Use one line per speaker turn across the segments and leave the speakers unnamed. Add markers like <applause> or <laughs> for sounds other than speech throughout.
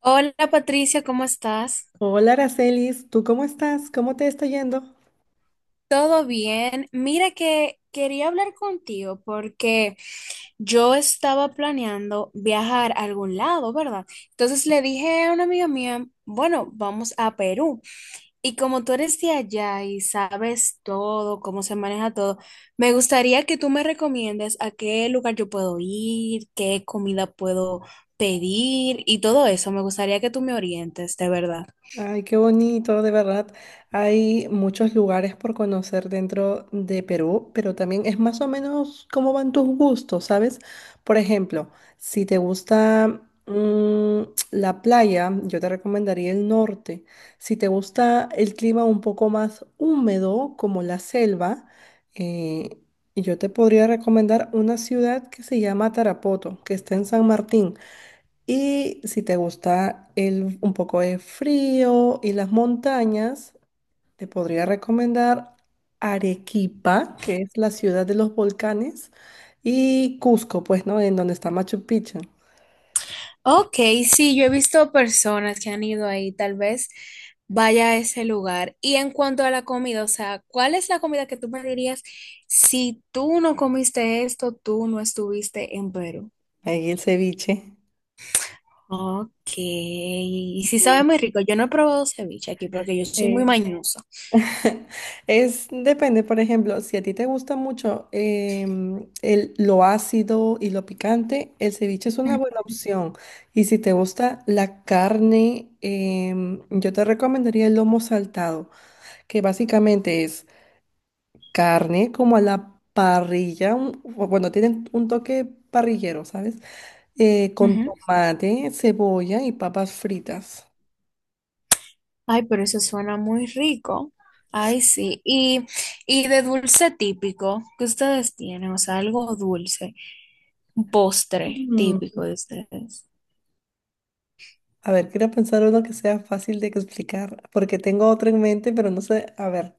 Hola Patricia, ¿cómo estás?
Hola, Aracelis, ¿tú cómo estás? ¿Cómo te está yendo?
¿Todo bien? Mira que quería hablar contigo porque yo estaba planeando viajar a algún lado, ¿verdad? Entonces le dije a una amiga mía, bueno, vamos a Perú. Y como tú eres de allá y sabes todo, cómo se maneja todo, me gustaría que tú me recomiendes a qué lugar yo puedo ir, qué comida puedo pedir y todo eso. Me gustaría que tú me orientes, de verdad.
Ay, qué bonito, de verdad. Hay muchos lugares por conocer dentro de Perú, pero también es más o menos cómo van tus gustos, ¿sabes? Por ejemplo, si te gusta mm, la playa, yo te recomendaría el norte. Si te gusta el clima un poco más húmedo, como la selva, eh, yo te podría recomendar una ciudad que se llama Tarapoto, que está en San Martín. Y si te gusta un poco de frío y las montañas, te podría recomendar Arequipa, que es la ciudad de los volcanes, y Cusco, pues, ¿no? En donde está Machu Picchu.
Ok, sí, yo he visto personas que han ido ahí, tal vez vaya a ese lugar. Y en cuanto a la comida, o sea, ¿cuál es la comida que tú me dirías si tú no comiste esto, tú no estuviste en Perú?
Ahí el ceviche.
Ok, y sí sabe
Sí,
muy rico. Yo no he probado ceviche aquí porque yo soy muy
es.
mañosa.
<laughs> Es, depende, por ejemplo, si a ti te gusta mucho lo ácido y lo picante, el ceviche es una
Mm,
buena opción. Y si te gusta la carne, yo te recomendaría el lomo saltado, que básicamente es carne como a la parrilla, o bueno, tienen un toque parrillero, ¿sabes? Con
ujú.
tomate, cebolla y papas fritas.
Ay, pero eso suena muy rico. Ay, sí. Y de dulce típico que ustedes tienen, o sea, algo dulce, un postre típico de ustedes.
A ver, quiero pensar uno que sea fácil de explicar, porque tengo otro en mente, pero no sé. A ver,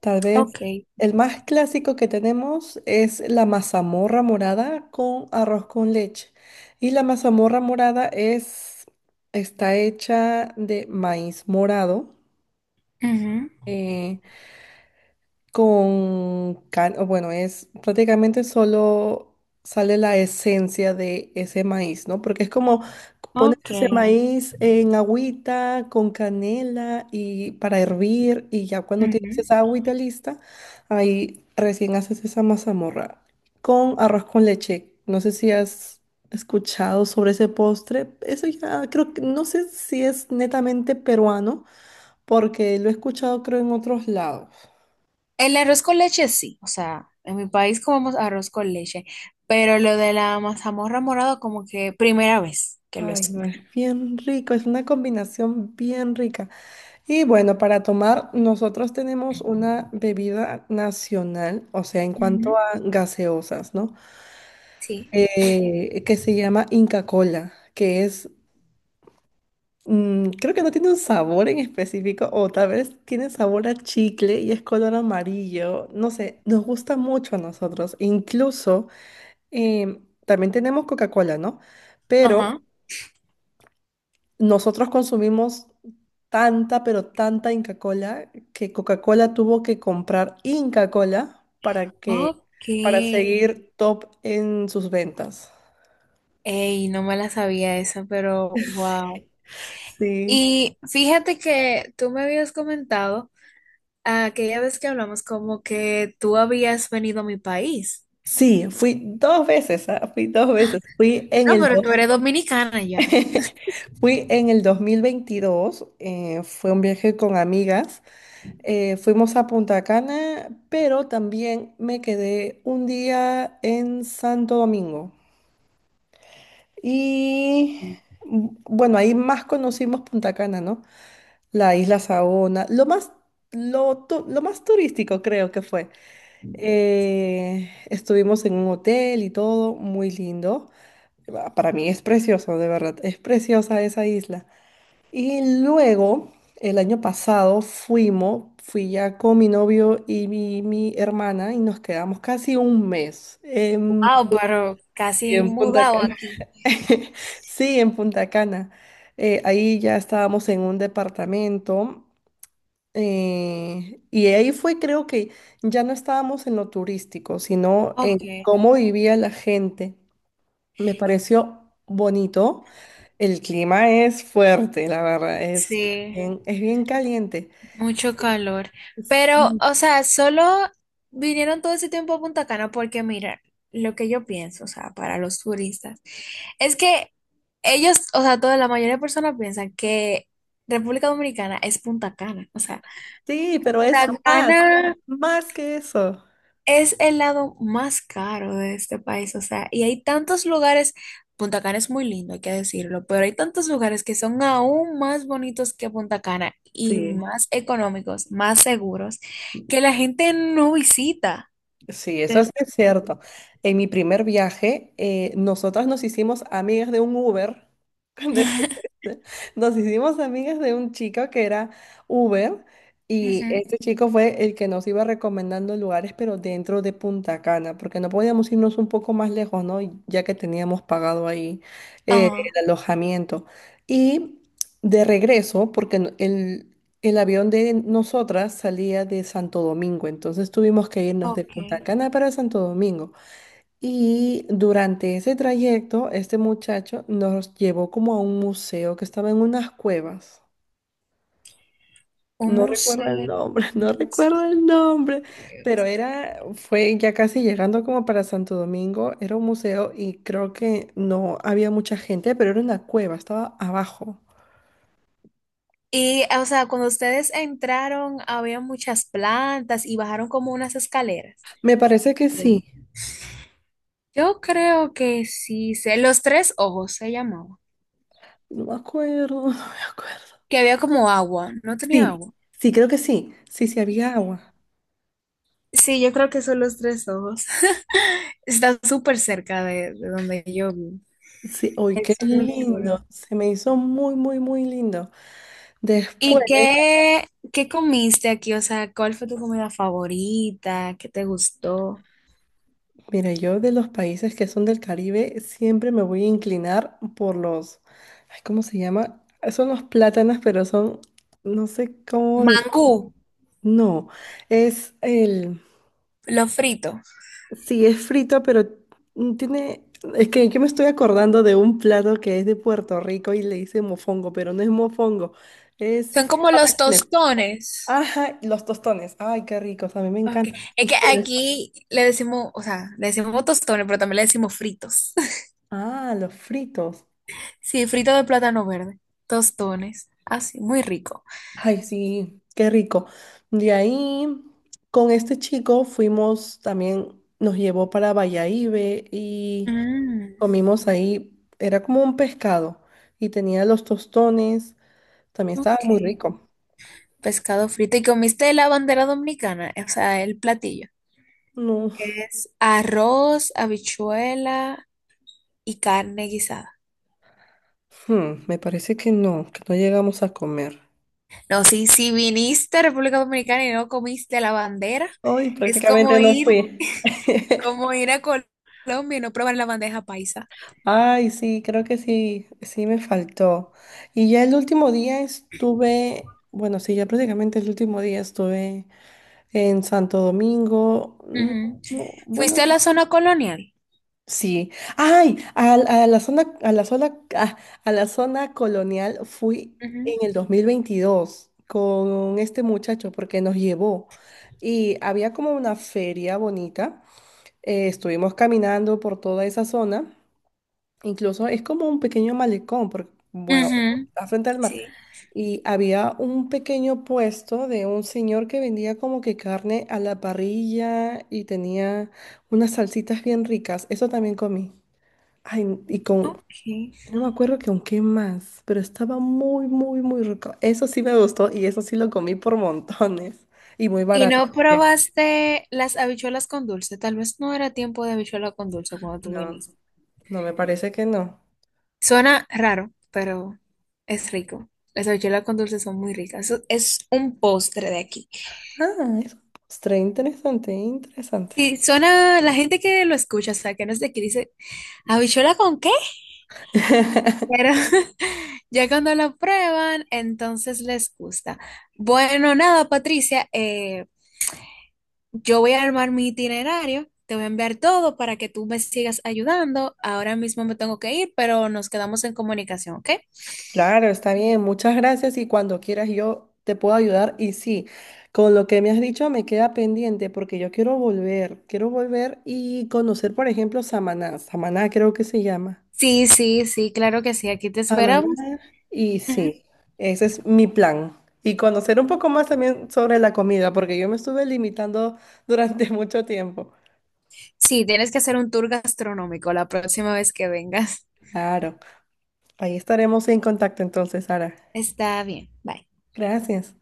tal vez
Ok.
el más clásico que tenemos es la mazamorra morada con arroz con leche. Y la mazamorra morada es, está hecha de maíz morado.
Ujú.
eh, o bueno, es prácticamente solo sale la esencia de ese maíz, ¿no? Porque es como pones
Ok.
ese maíz en agüita con canela y para hervir y ya cuando
Ujú.
tienes esa agüita lista, ahí recién haces esa mazamorra con arroz con leche. No sé si has escuchado sobre ese postre. Eso ya creo que no sé si es netamente peruano porque lo he escuchado creo en otros lados.
El arroz con leche sí, o sea, en mi país comemos arroz con leche, pero lo de la mazamorra morada como que primera vez que lo
Ay, no, es
escucho.
bien rico, es una combinación bien rica. Y bueno, para tomar, nosotros tenemos una bebida nacional, o sea, en cuanto
Ujú.
a gaseosas, ¿no?
Sí.
Que se llama Inca Cola, creo que no tiene un sabor en específico, o tal vez tiene sabor a chicle y es color amarillo, no sé, nos gusta mucho a nosotros. Incluso, también tenemos Coca-Cola, ¿no? Pero...
Ajá.
nosotros consumimos tanta, pero tanta Inca Cola que Coca-Cola tuvo que comprar Inca Cola para que,
Ok.
para seguir top en sus ventas.
Ey, no me la sabía esa, pero wow.
Sí.
Y fíjate que tú me habías comentado aquella vez que hablamos como que tú habías venido a mi país.
Sí, fui dos veces, ah, fui dos veces. Fui en
No,
el
pero tú
dos-
eres dominicana ya.
<laughs> Fui en el 2022, fue un viaje con amigas. Fuimos a Punta Cana, pero también me quedé un día en Santo Domingo. Y bueno, ahí más conocimos Punta Cana, ¿no? La isla Saona, lo más turístico creo que fue. Estuvimos en un hotel y todo, muy lindo. Para mí es precioso, de verdad, es preciosa esa isla. Y luego, el año pasado fui ya con mi novio y mi hermana y nos quedamos casi un mes en,
Wow, pero
sí,
casi
en Punta
mudado
Cana.
aquí.
<laughs> Sí, en Punta Cana. Ahí ya estábamos en un departamento y ahí fue, creo que ya no estábamos en lo turístico, sino
Ok,
en cómo vivía la gente. Me pareció bonito. El clima es fuerte, la verdad,
sí,
es bien caliente.
mucho calor. Pero, o
Sí,
sea, solo vinieron todo ese tiempo a Punta Cana porque, mira, lo que yo pienso, o sea, para los turistas, es que ellos, o sea, toda la mayoría de personas piensan que República Dominicana es Punta Cana. O sea,
sí, pero es
Punta
más,
Cana
más que eso.
es el lado más caro de este país, o sea, y hay tantos lugares, Punta Cana es muy lindo, hay que decirlo, pero hay tantos lugares que son aún más bonitos que Punta Cana y
Sí.
más económicos, más seguros, que la gente no visita.
Sí, eso sí
Desde
es
aquí.
cierto. En mi primer viaje, nosotras nos hicimos amigas de un Uber. <laughs> Con decirte,
<laughs>
esto. Nos hicimos amigas de un chico que era Uber y
Ujú.
este chico fue el que nos iba recomendando lugares, pero dentro de Punta Cana, porque no podíamos irnos un poco más lejos, ¿no? Y ya que teníamos pagado ahí
Ah,
el alojamiento. Y de regreso, porque el avión de nosotras salía de Santo Domingo, entonces tuvimos que irnos de
ok.
Punta Cana para Santo Domingo. Y durante ese trayecto, este muchacho nos llevó como a un museo que estaba en unas cuevas.
Un
No recuerdo
museo.
el nombre, <laughs> no
Unas
recuerdo el nombre, fue ya casi llegando como para Santo Domingo, era un museo y creo que no había mucha gente, pero era una cueva, estaba abajo.
y, o sea, cuando ustedes entraron, había muchas plantas y bajaron como unas escaleras.
Me parece que sí,
Yo creo que sí sé. Los tres ojos se llamaba.
no me acuerdo, <laughs> no me acuerdo.
Que había como agua. No tenía
Sí,
agua.
sí, creo que sí. Sí, sí, había agua.
Sí, yo creo que son los tres ojos. <laughs> Está súper cerca de donde yo vivo.
Sí, uy, qué
Es muy chulo.
lindo. Se me hizo muy, muy, muy lindo. Después,
¿Y qué, qué comiste aquí? O sea, ¿cuál fue tu comida favorita? ¿Qué te gustó?
mira, yo de los países que son del Caribe siempre me voy a inclinar por los, ay, ¿cómo se llama? Son los plátanos, pero son, no sé cómo
Mangú,
no, es
lo frito.
sí, es frito, pero tiene, es que yo me estoy acordando de un plato que es de Puerto Rico y le dice mofongo, pero no es mofongo,
Son
es...
como los
patacones.
tostones.
Ajá, y los tostones. Ay, qué ricos. A mí me
Okay.
encantan
Es
los
que
tostones.
aquí le decimos, o sea, le decimos tostones, pero también le decimos fritos. <laughs>
Ah, los fritos.
Sí, frito de plátano verde, tostones, así, muy rico.
Ay, sí, qué rico. De ahí, con este chico fuimos también, nos llevó para Bayahíbe y
Mm,
comimos ahí. Era como un pescado y tenía los tostones. También estaba
ok,
muy rico.
pescado frito. ¿Y comiste la bandera dominicana? O sea, el platillo.
No,
Es arroz, habichuela y carne guisada.
hmm, me parece que no llegamos a comer.
No, sí, si viniste a República Dominicana y no comiste la bandera,
Hoy
es
prácticamente no fui. <laughs>
como ir a Colombia y no probar la bandeja paisa.
Ay, sí, creo que sí, sí me faltó. Y ya el último día estuve, bueno, sí, ya prácticamente el último día estuve en Santo Domingo. No,
Ujú.
no, bueno,
¿Fuiste a la zona colonial?
sí. Ay, a la zona, ah, a, la zona colonial fui
Ujú.
en el 2022 con este muchacho porque nos llevó. Y había como una feria bonita. Estuvimos caminando por toda esa zona. Incluso es como un pequeño malecón, porque, bueno,
Ujú.
está frente al mar.
Sí.
Y había un pequeño puesto de un señor que vendía como que carne a la parrilla y tenía unas salsitas bien ricas. Eso también comí. Ay,
Ok.
no me acuerdo que con qué más, pero estaba muy, muy, muy rico. Eso sí me gustó y eso sí lo comí por montones y muy
¿Y
barato.
no
También.
probaste las habichuelas con dulce? Tal vez no era tiempo de habichuela con dulce cuando tú
No,
viniste.
no me parece que no.
Suena raro, pero es rico. Las habichuelas con dulce son muy ricas. Eso es un postre de aquí.
Ah, es un postre interesante, interesante.
Sí, suena, la gente que lo escucha, o sea, que no es de aquí, dice, ¿habichuela con qué?
<laughs>
Pero <laughs> ya cuando lo prueban, entonces les gusta. Bueno, nada, Patricia, yo voy a armar mi itinerario, te voy a enviar todo para que tú me sigas ayudando. Ahora mismo me tengo que ir, pero nos quedamos en comunicación, ¿ok?
Claro, está bien. Muchas gracias y cuando quieras yo te puedo ayudar. Y sí, con lo que me has dicho me queda pendiente porque yo quiero volver y conocer, por ejemplo, Samaná. Samaná creo que se llama.
Sí, sí, sí, claro que sí, aquí te esperamos.
Samaná. Y
Ujú.
sí, ese es mi plan. Y conocer un poco más también sobre la comida porque yo me estuve limitando durante <laughs> mucho tiempo.
Sí, tienes que hacer un tour gastronómico la próxima vez que vengas.
Claro, ahí estaremos en contacto entonces, Sara.
Está bien, bye.
Gracias.